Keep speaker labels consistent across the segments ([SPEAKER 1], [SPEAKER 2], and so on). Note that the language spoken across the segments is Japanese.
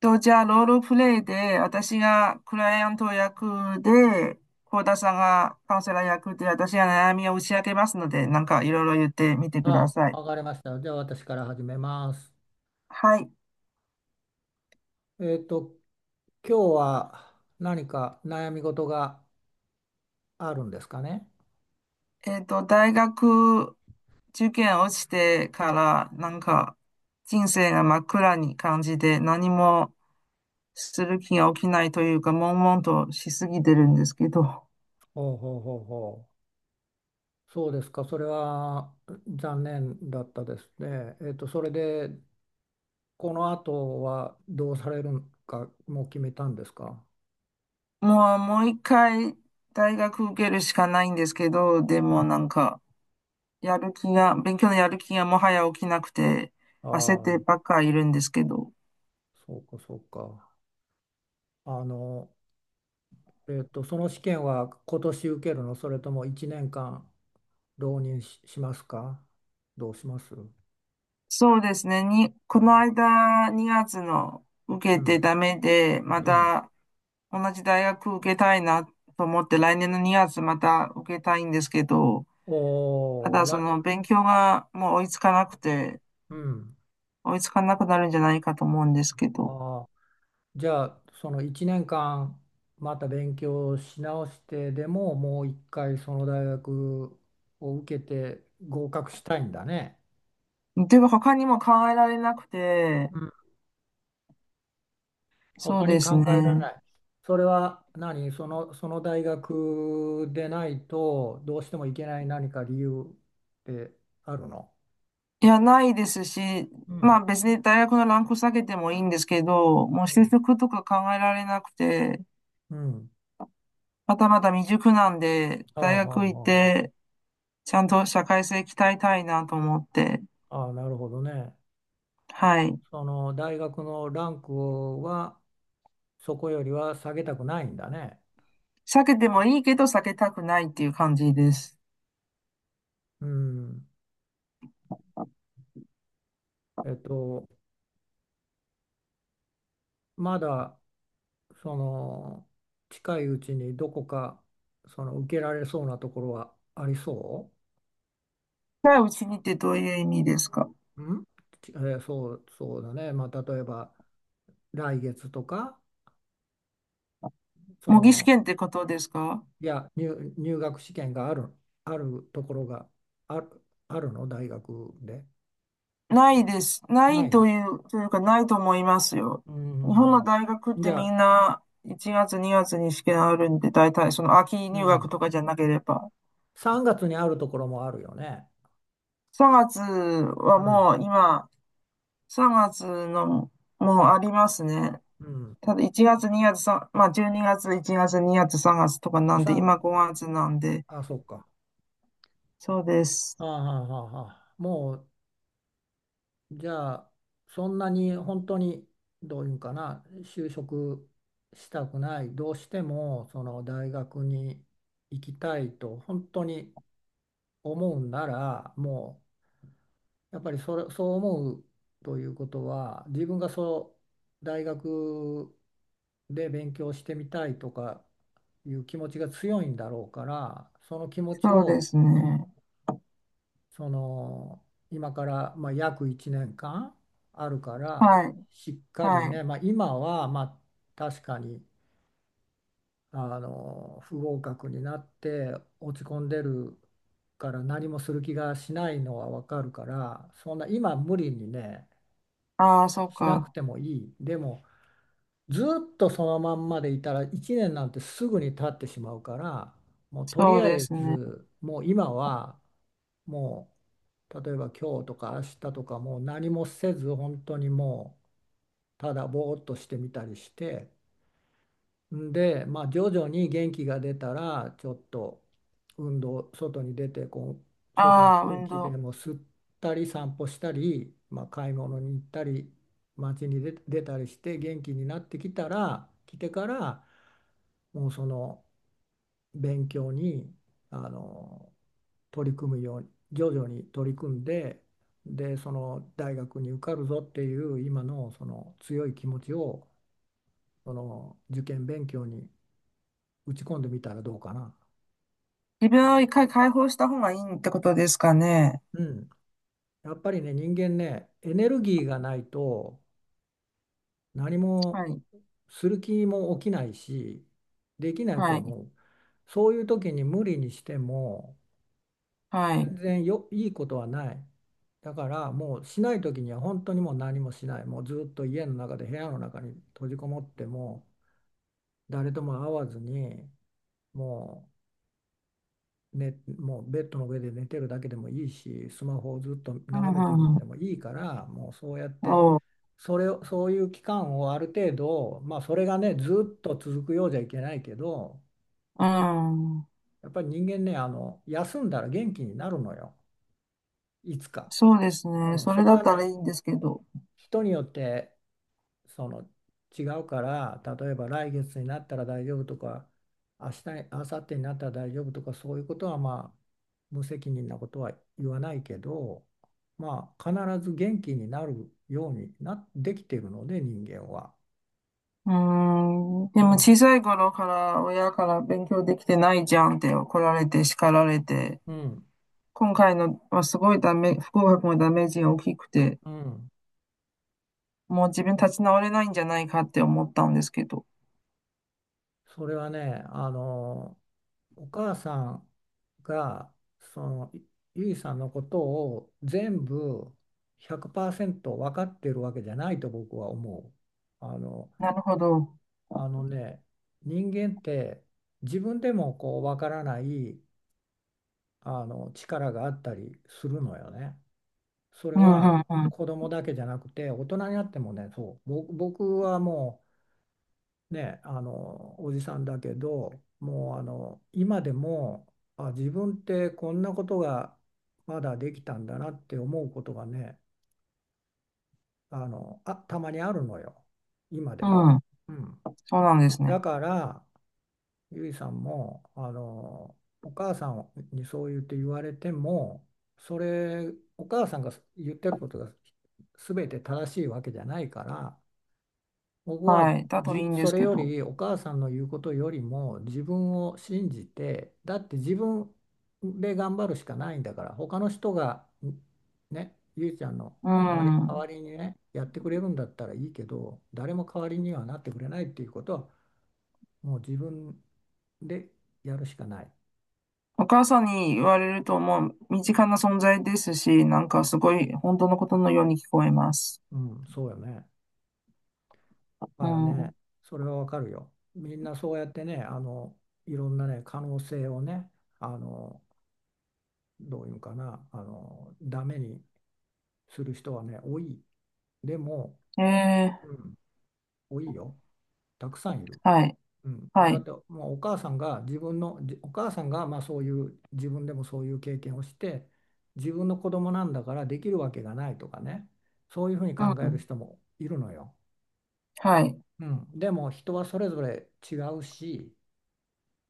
[SPEAKER 1] と、じゃあ、ロールプレイで、私がクライアント役で、幸田さんがカウンセラー役で、私が悩みを打ち明けますので、なんかいろいろ言ってみてくだ
[SPEAKER 2] あ、
[SPEAKER 1] さい。
[SPEAKER 2] わかりました。じゃあ私から始めます。
[SPEAKER 1] はい。
[SPEAKER 2] えっと、今日は何か悩み事があるんですかね。
[SPEAKER 1] 大学受験落ちてから、なんか、人生が真っ暗に感じて、何もする気が起きないというか、悶々としすぎてるんですけど、
[SPEAKER 2] ほうほうほうほう。そうですか。それは残念だったですね。それで、この後はどうされるか、もう決めたんですか。
[SPEAKER 1] もう一回、大学受けるしかないんですけど、で
[SPEAKER 2] う
[SPEAKER 1] も
[SPEAKER 2] ん。
[SPEAKER 1] なんか、やる気が、勉強のやる気がもはや起きなくて、焦っ
[SPEAKER 2] ああ、
[SPEAKER 1] てばっかいるんですけど。
[SPEAKER 2] そうかそうか。あの、その試験は今年受けるの、それとも1年間浪人しますか。どうします。う
[SPEAKER 1] そうですね。この
[SPEAKER 2] ん、
[SPEAKER 1] 間、2月の受
[SPEAKER 2] う
[SPEAKER 1] け
[SPEAKER 2] ん、
[SPEAKER 1] てダメで、
[SPEAKER 2] う
[SPEAKER 1] ま
[SPEAKER 2] ん。
[SPEAKER 1] た同じ大学受けたいなと思って、来年の2月また受けたいんですけど、た
[SPEAKER 2] おー、
[SPEAKER 1] だそ
[SPEAKER 2] ら、
[SPEAKER 1] の勉強がもう追いつかなくて、
[SPEAKER 2] うん。
[SPEAKER 1] 追いつかなくなるんじゃないかと思うんですけど。
[SPEAKER 2] ああ、じゃあ、その1年間、また勉強し直してでも、もう一回その大学を受けて合格したいんだね。
[SPEAKER 1] でも他にも考えられなくて、
[SPEAKER 2] うん。
[SPEAKER 1] そう
[SPEAKER 2] 他
[SPEAKER 1] で
[SPEAKER 2] に
[SPEAKER 1] す
[SPEAKER 2] 考えられ
[SPEAKER 1] ね。
[SPEAKER 2] ない。それは何、その大学でないと、どうしてもいけない何か理由ってあるの？
[SPEAKER 1] いや、ないですし、
[SPEAKER 2] う
[SPEAKER 1] ま
[SPEAKER 2] ん。
[SPEAKER 1] あ別に大学のランク下げてもいいんですけど、もう
[SPEAKER 2] う
[SPEAKER 1] 就
[SPEAKER 2] ん。
[SPEAKER 1] 職とか考えられなくて、
[SPEAKER 2] うん。
[SPEAKER 1] まだまだ未熟なんで、
[SPEAKER 2] ああ、ああ、
[SPEAKER 1] 大学行っ
[SPEAKER 2] あ
[SPEAKER 1] て、ちゃんと社会性鍛えたいなと思って、
[SPEAKER 2] あ、ああ、なるほどね。
[SPEAKER 1] はい。
[SPEAKER 2] その大学のランクはそこよりは下げたくないんだね。
[SPEAKER 1] 避けてもいいけど避けたくないっていう感じです。
[SPEAKER 2] うん。えっと、まだその近いうちにどこかその受けられそうなところはありそ
[SPEAKER 1] 近いうちにってどういう意味ですか？
[SPEAKER 2] う？ん？ちえーそう、そうだね。まあ、例えば来月とか、そ
[SPEAKER 1] 模擬試
[SPEAKER 2] の、
[SPEAKER 1] 験ってことですか？
[SPEAKER 2] いや、入学試験があるところがある、あるの大学で。
[SPEAKER 1] ないです。な
[SPEAKER 2] な
[SPEAKER 1] い
[SPEAKER 2] いの。
[SPEAKER 1] という、というかないと思いますよ。
[SPEAKER 2] う
[SPEAKER 1] 日本の
[SPEAKER 2] ん。
[SPEAKER 1] 大学っ
[SPEAKER 2] じ
[SPEAKER 1] て
[SPEAKER 2] ゃ
[SPEAKER 1] み
[SPEAKER 2] あ、
[SPEAKER 1] んな1月2月にがつに試験あるんで、大体その秋
[SPEAKER 2] う
[SPEAKER 1] 入学
[SPEAKER 2] ん。
[SPEAKER 1] とかじゃなければ。
[SPEAKER 2] 3月にあるところもあるよね。
[SPEAKER 1] 3月は
[SPEAKER 2] うん。
[SPEAKER 1] もう今、3月のもうありますね。
[SPEAKER 2] うん。
[SPEAKER 1] ただ1月2月3、まあ12月、1月2月3月とか
[SPEAKER 2] も
[SPEAKER 1] な
[SPEAKER 2] う
[SPEAKER 1] んで、
[SPEAKER 2] 3、
[SPEAKER 1] 今5月なんで、
[SPEAKER 2] あ、そっか。
[SPEAKER 1] そうです。
[SPEAKER 2] ああ、ああ、ああ、もう、じゃあ、そんなに本当に、どういうんかな、就職したくない、どうしても、その大学に行きたいと、本当に思うんなら、やっぱりそれ、そう思うということは、自分がそう大学で勉強してみたいとかいう気持ちが強いんだろうから、その気持ち
[SPEAKER 1] そうで
[SPEAKER 2] を
[SPEAKER 1] すね。
[SPEAKER 2] その今からまあ約1年間あるから、
[SPEAKER 1] はい、
[SPEAKER 2] しっかり
[SPEAKER 1] は
[SPEAKER 2] ね、
[SPEAKER 1] い。
[SPEAKER 2] まあ、今はまあ確かに不合格になって落ち込んでるから何もする気がしないのはわかるから、そんな今無理にね
[SPEAKER 1] ああ、そう
[SPEAKER 2] しなく
[SPEAKER 1] か。
[SPEAKER 2] てもいい。でもずっとそのまんまでいたら1年なんてすぐに経ってしまうからもうと
[SPEAKER 1] そ
[SPEAKER 2] り
[SPEAKER 1] う
[SPEAKER 2] あ
[SPEAKER 1] で
[SPEAKER 2] え
[SPEAKER 1] すね。
[SPEAKER 2] ずもう今はもう例えば今日とか明日とかもう何もせず本当にもうただぼーっとしてみたりして、で、まあ、徐々に元気が出たらちょっと運動外に出てこう外の
[SPEAKER 1] ああ、
[SPEAKER 2] 空
[SPEAKER 1] 運
[SPEAKER 2] 気で
[SPEAKER 1] 動。
[SPEAKER 2] も吸ったり散歩したり、まあ、買い物に行ったり街に出たりして元気になってきたら来てからもうその勉強にあの取り組むように徐々に取り組んで、でその大学に受かるぞっていう今のその強い気持ちをその受験勉強に打ち込んでみたらどうかな。
[SPEAKER 1] 自分を一回解放した方がいいってことですかね。
[SPEAKER 2] うん。やっぱりね、人間ね、エネルギーがないと何
[SPEAKER 1] は
[SPEAKER 2] も
[SPEAKER 1] い。
[SPEAKER 2] する気も起きないし、できないと
[SPEAKER 1] はい。
[SPEAKER 2] 思う。そういう時に無理にしても
[SPEAKER 1] はい。
[SPEAKER 2] 全然よ、いいことはない。だからもうしない時には本当にもう何もしない。もうずっと家の中で部屋の中に閉じこもっても誰とも会わずにもね、もうベッドの上で寝てるだけでもいいし、スマホをずっと
[SPEAKER 1] う
[SPEAKER 2] 眺めてる
[SPEAKER 1] ん、
[SPEAKER 2] ん
[SPEAKER 1] う
[SPEAKER 2] で
[SPEAKER 1] ん。
[SPEAKER 2] もいいから、もうそうやって、
[SPEAKER 1] おう。
[SPEAKER 2] それを、そういう期間をある程度、まあそれがね、ずっと続くようじゃいけないけど、
[SPEAKER 1] うん。
[SPEAKER 2] やっぱり人間ね、休んだら元気になるのよ、いつか。
[SPEAKER 1] そうですね。
[SPEAKER 2] うん、
[SPEAKER 1] そ
[SPEAKER 2] そ
[SPEAKER 1] れ
[SPEAKER 2] れ
[SPEAKER 1] だ
[SPEAKER 2] は
[SPEAKER 1] ったら
[SPEAKER 2] ね、
[SPEAKER 1] いいんですけど。
[SPEAKER 2] 人によってその違うから例えば来月になったら大丈夫とか明日に明後日になったら大丈夫とかそういうことはまあ無責任なことは言わないけどまあ必ず元気になるようになできてるので人間は。
[SPEAKER 1] うーん。で
[SPEAKER 2] う
[SPEAKER 1] も小
[SPEAKER 2] ん、
[SPEAKER 1] さい頃から親から勉強できてないじゃんって怒られて叱られて、
[SPEAKER 2] うん、
[SPEAKER 1] 今回のはすごいダメ、不合格のダメージが大きくて、
[SPEAKER 2] うん、
[SPEAKER 1] もう自分立ち直れないんじゃないかって思ったんですけど。
[SPEAKER 2] それはねお母さんがそのゆいさんのことを全部100%分かってるわけじゃないと僕は思う。あの、
[SPEAKER 1] なるほど。
[SPEAKER 2] あのね人間って自分でもこう分からない力があったりするのよね。それ
[SPEAKER 1] うん、う
[SPEAKER 2] は
[SPEAKER 1] ん、う
[SPEAKER 2] 子供だけじゃなくて大人になってもねそう僕はもうね、おじさんだけどもう今でも自分ってこんなことがまだできたんだなって思うことがねあたまにあるのよ今でも。
[SPEAKER 1] ん。うん。
[SPEAKER 2] うん、
[SPEAKER 1] そうなんです
[SPEAKER 2] だ
[SPEAKER 1] ね。
[SPEAKER 2] からゆいさんもお母さんにそう言われてもそれお母さんが言ってることが全て正しいわけじゃないから僕は
[SPEAKER 1] はい。だといいんで
[SPEAKER 2] そ
[SPEAKER 1] す
[SPEAKER 2] れ
[SPEAKER 1] け
[SPEAKER 2] よ
[SPEAKER 1] ど。
[SPEAKER 2] りお母さんの言うことよりも自分を信じてだって自分で頑張るしかないんだから他の人がねゆいちゃんの
[SPEAKER 1] う
[SPEAKER 2] 代わり、代わ
[SPEAKER 1] ん。
[SPEAKER 2] りにねやってくれるんだったらいいけど誰も代わりにはなってくれないっていうことはもう自分でやるしかない。
[SPEAKER 1] お母さんに言われるともう身近な存在ですし、なんかすごい本当のことのように聞こえます。
[SPEAKER 2] うん、そうよね。だ
[SPEAKER 1] う
[SPEAKER 2] からね
[SPEAKER 1] ん。
[SPEAKER 2] それはわかるよ。みんなそうやってねいろんなね可能性をねあのどういうのかな、ダメにする人はね、多い。でも、
[SPEAKER 1] え
[SPEAKER 2] う
[SPEAKER 1] え、
[SPEAKER 2] ん、多いよ。たくさんいる。
[SPEAKER 1] はい。
[SPEAKER 2] うん、
[SPEAKER 1] は
[SPEAKER 2] だっ
[SPEAKER 1] い。
[SPEAKER 2] てもうお母さんが自分のじお母さんがまあそういう自分でもそういう経験をして自分の子供なんだからできるわけがないとかねそういうふうに
[SPEAKER 1] う
[SPEAKER 2] 考える
[SPEAKER 1] ん。
[SPEAKER 2] 人もいるのよ。
[SPEAKER 1] はい。
[SPEAKER 2] うん、でも人はそれぞれ違うし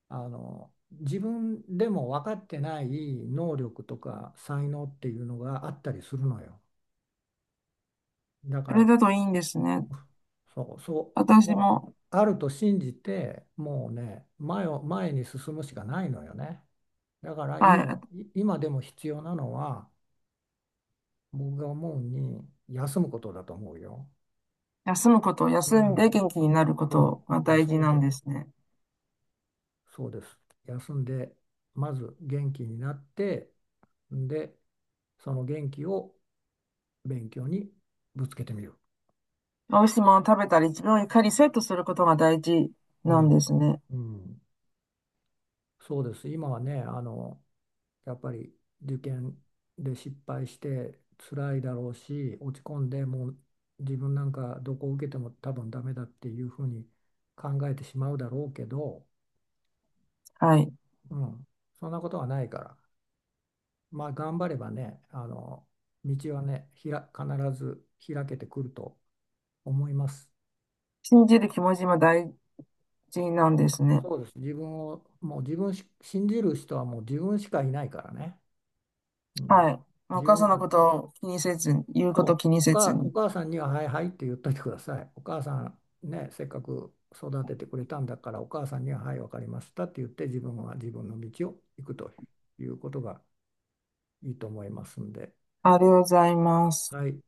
[SPEAKER 2] 自分でも分かってない能力とか才能っていうのがあったりするのよ。だか
[SPEAKER 1] それ
[SPEAKER 2] ら
[SPEAKER 1] だといいんですね。
[SPEAKER 2] そう、そう、
[SPEAKER 1] 私
[SPEAKER 2] もう
[SPEAKER 1] も、
[SPEAKER 2] あると信じて、もうね、前に進むしかないのよね。だから
[SPEAKER 1] は
[SPEAKER 2] 今、
[SPEAKER 1] い。
[SPEAKER 2] い今でも必要なのは、僕が思うに、休むことだと思うよ。
[SPEAKER 1] 休むこと、
[SPEAKER 2] う
[SPEAKER 1] 休んで
[SPEAKER 2] ん、
[SPEAKER 1] 元気になるこ
[SPEAKER 2] そ
[SPEAKER 1] とが
[SPEAKER 2] う、
[SPEAKER 1] 大
[SPEAKER 2] 休
[SPEAKER 1] 事
[SPEAKER 2] ん
[SPEAKER 1] なん
[SPEAKER 2] で、
[SPEAKER 1] ですね。
[SPEAKER 2] そうです。休んで、まず元気になって、んで、その元気を勉強にぶつけてみる。
[SPEAKER 1] 美味しいものを食べたり、自分をいかにセットすることが大事
[SPEAKER 2] う
[SPEAKER 1] なんで
[SPEAKER 2] ん、
[SPEAKER 1] すね。
[SPEAKER 2] うん、そうです。今はね、やっぱり受験で失敗して辛いだろうし落ち込んでもう自分なんかどこを受けても多分ダメだっていうふうに考えてしまうだろうけど、
[SPEAKER 1] はい。
[SPEAKER 2] うん、そんなことはないからまあ頑張ればね道はね必ず開けてくると思います。
[SPEAKER 1] 信じる気持ちも大事なんですね。
[SPEAKER 2] そうです自分をもう自分し信じる人はもう自分しかいないからね、うん、
[SPEAKER 1] はい。まあお
[SPEAKER 2] 自
[SPEAKER 1] 母
[SPEAKER 2] 分
[SPEAKER 1] さんのことを気にせずに、言うことを
[SPEAKER 2] そう、
[SPEAKER 1] 気に
[SPEAKER 2] お
[SPEAKER 1] せず
[SPEAKER 2] 母、お
[SPEAKER 1] に。
[SPEAKER 2] 母さんには「はいはい」って言っといてください。お母さんね、せっかく育ててくれたんだから、お母さんには「はい、わかりました」って言って、自分は自分の道を行くということがいいと思いますんで、
[SPEAKER 1] ありがとうございます。
[SPEAKER 2] はい。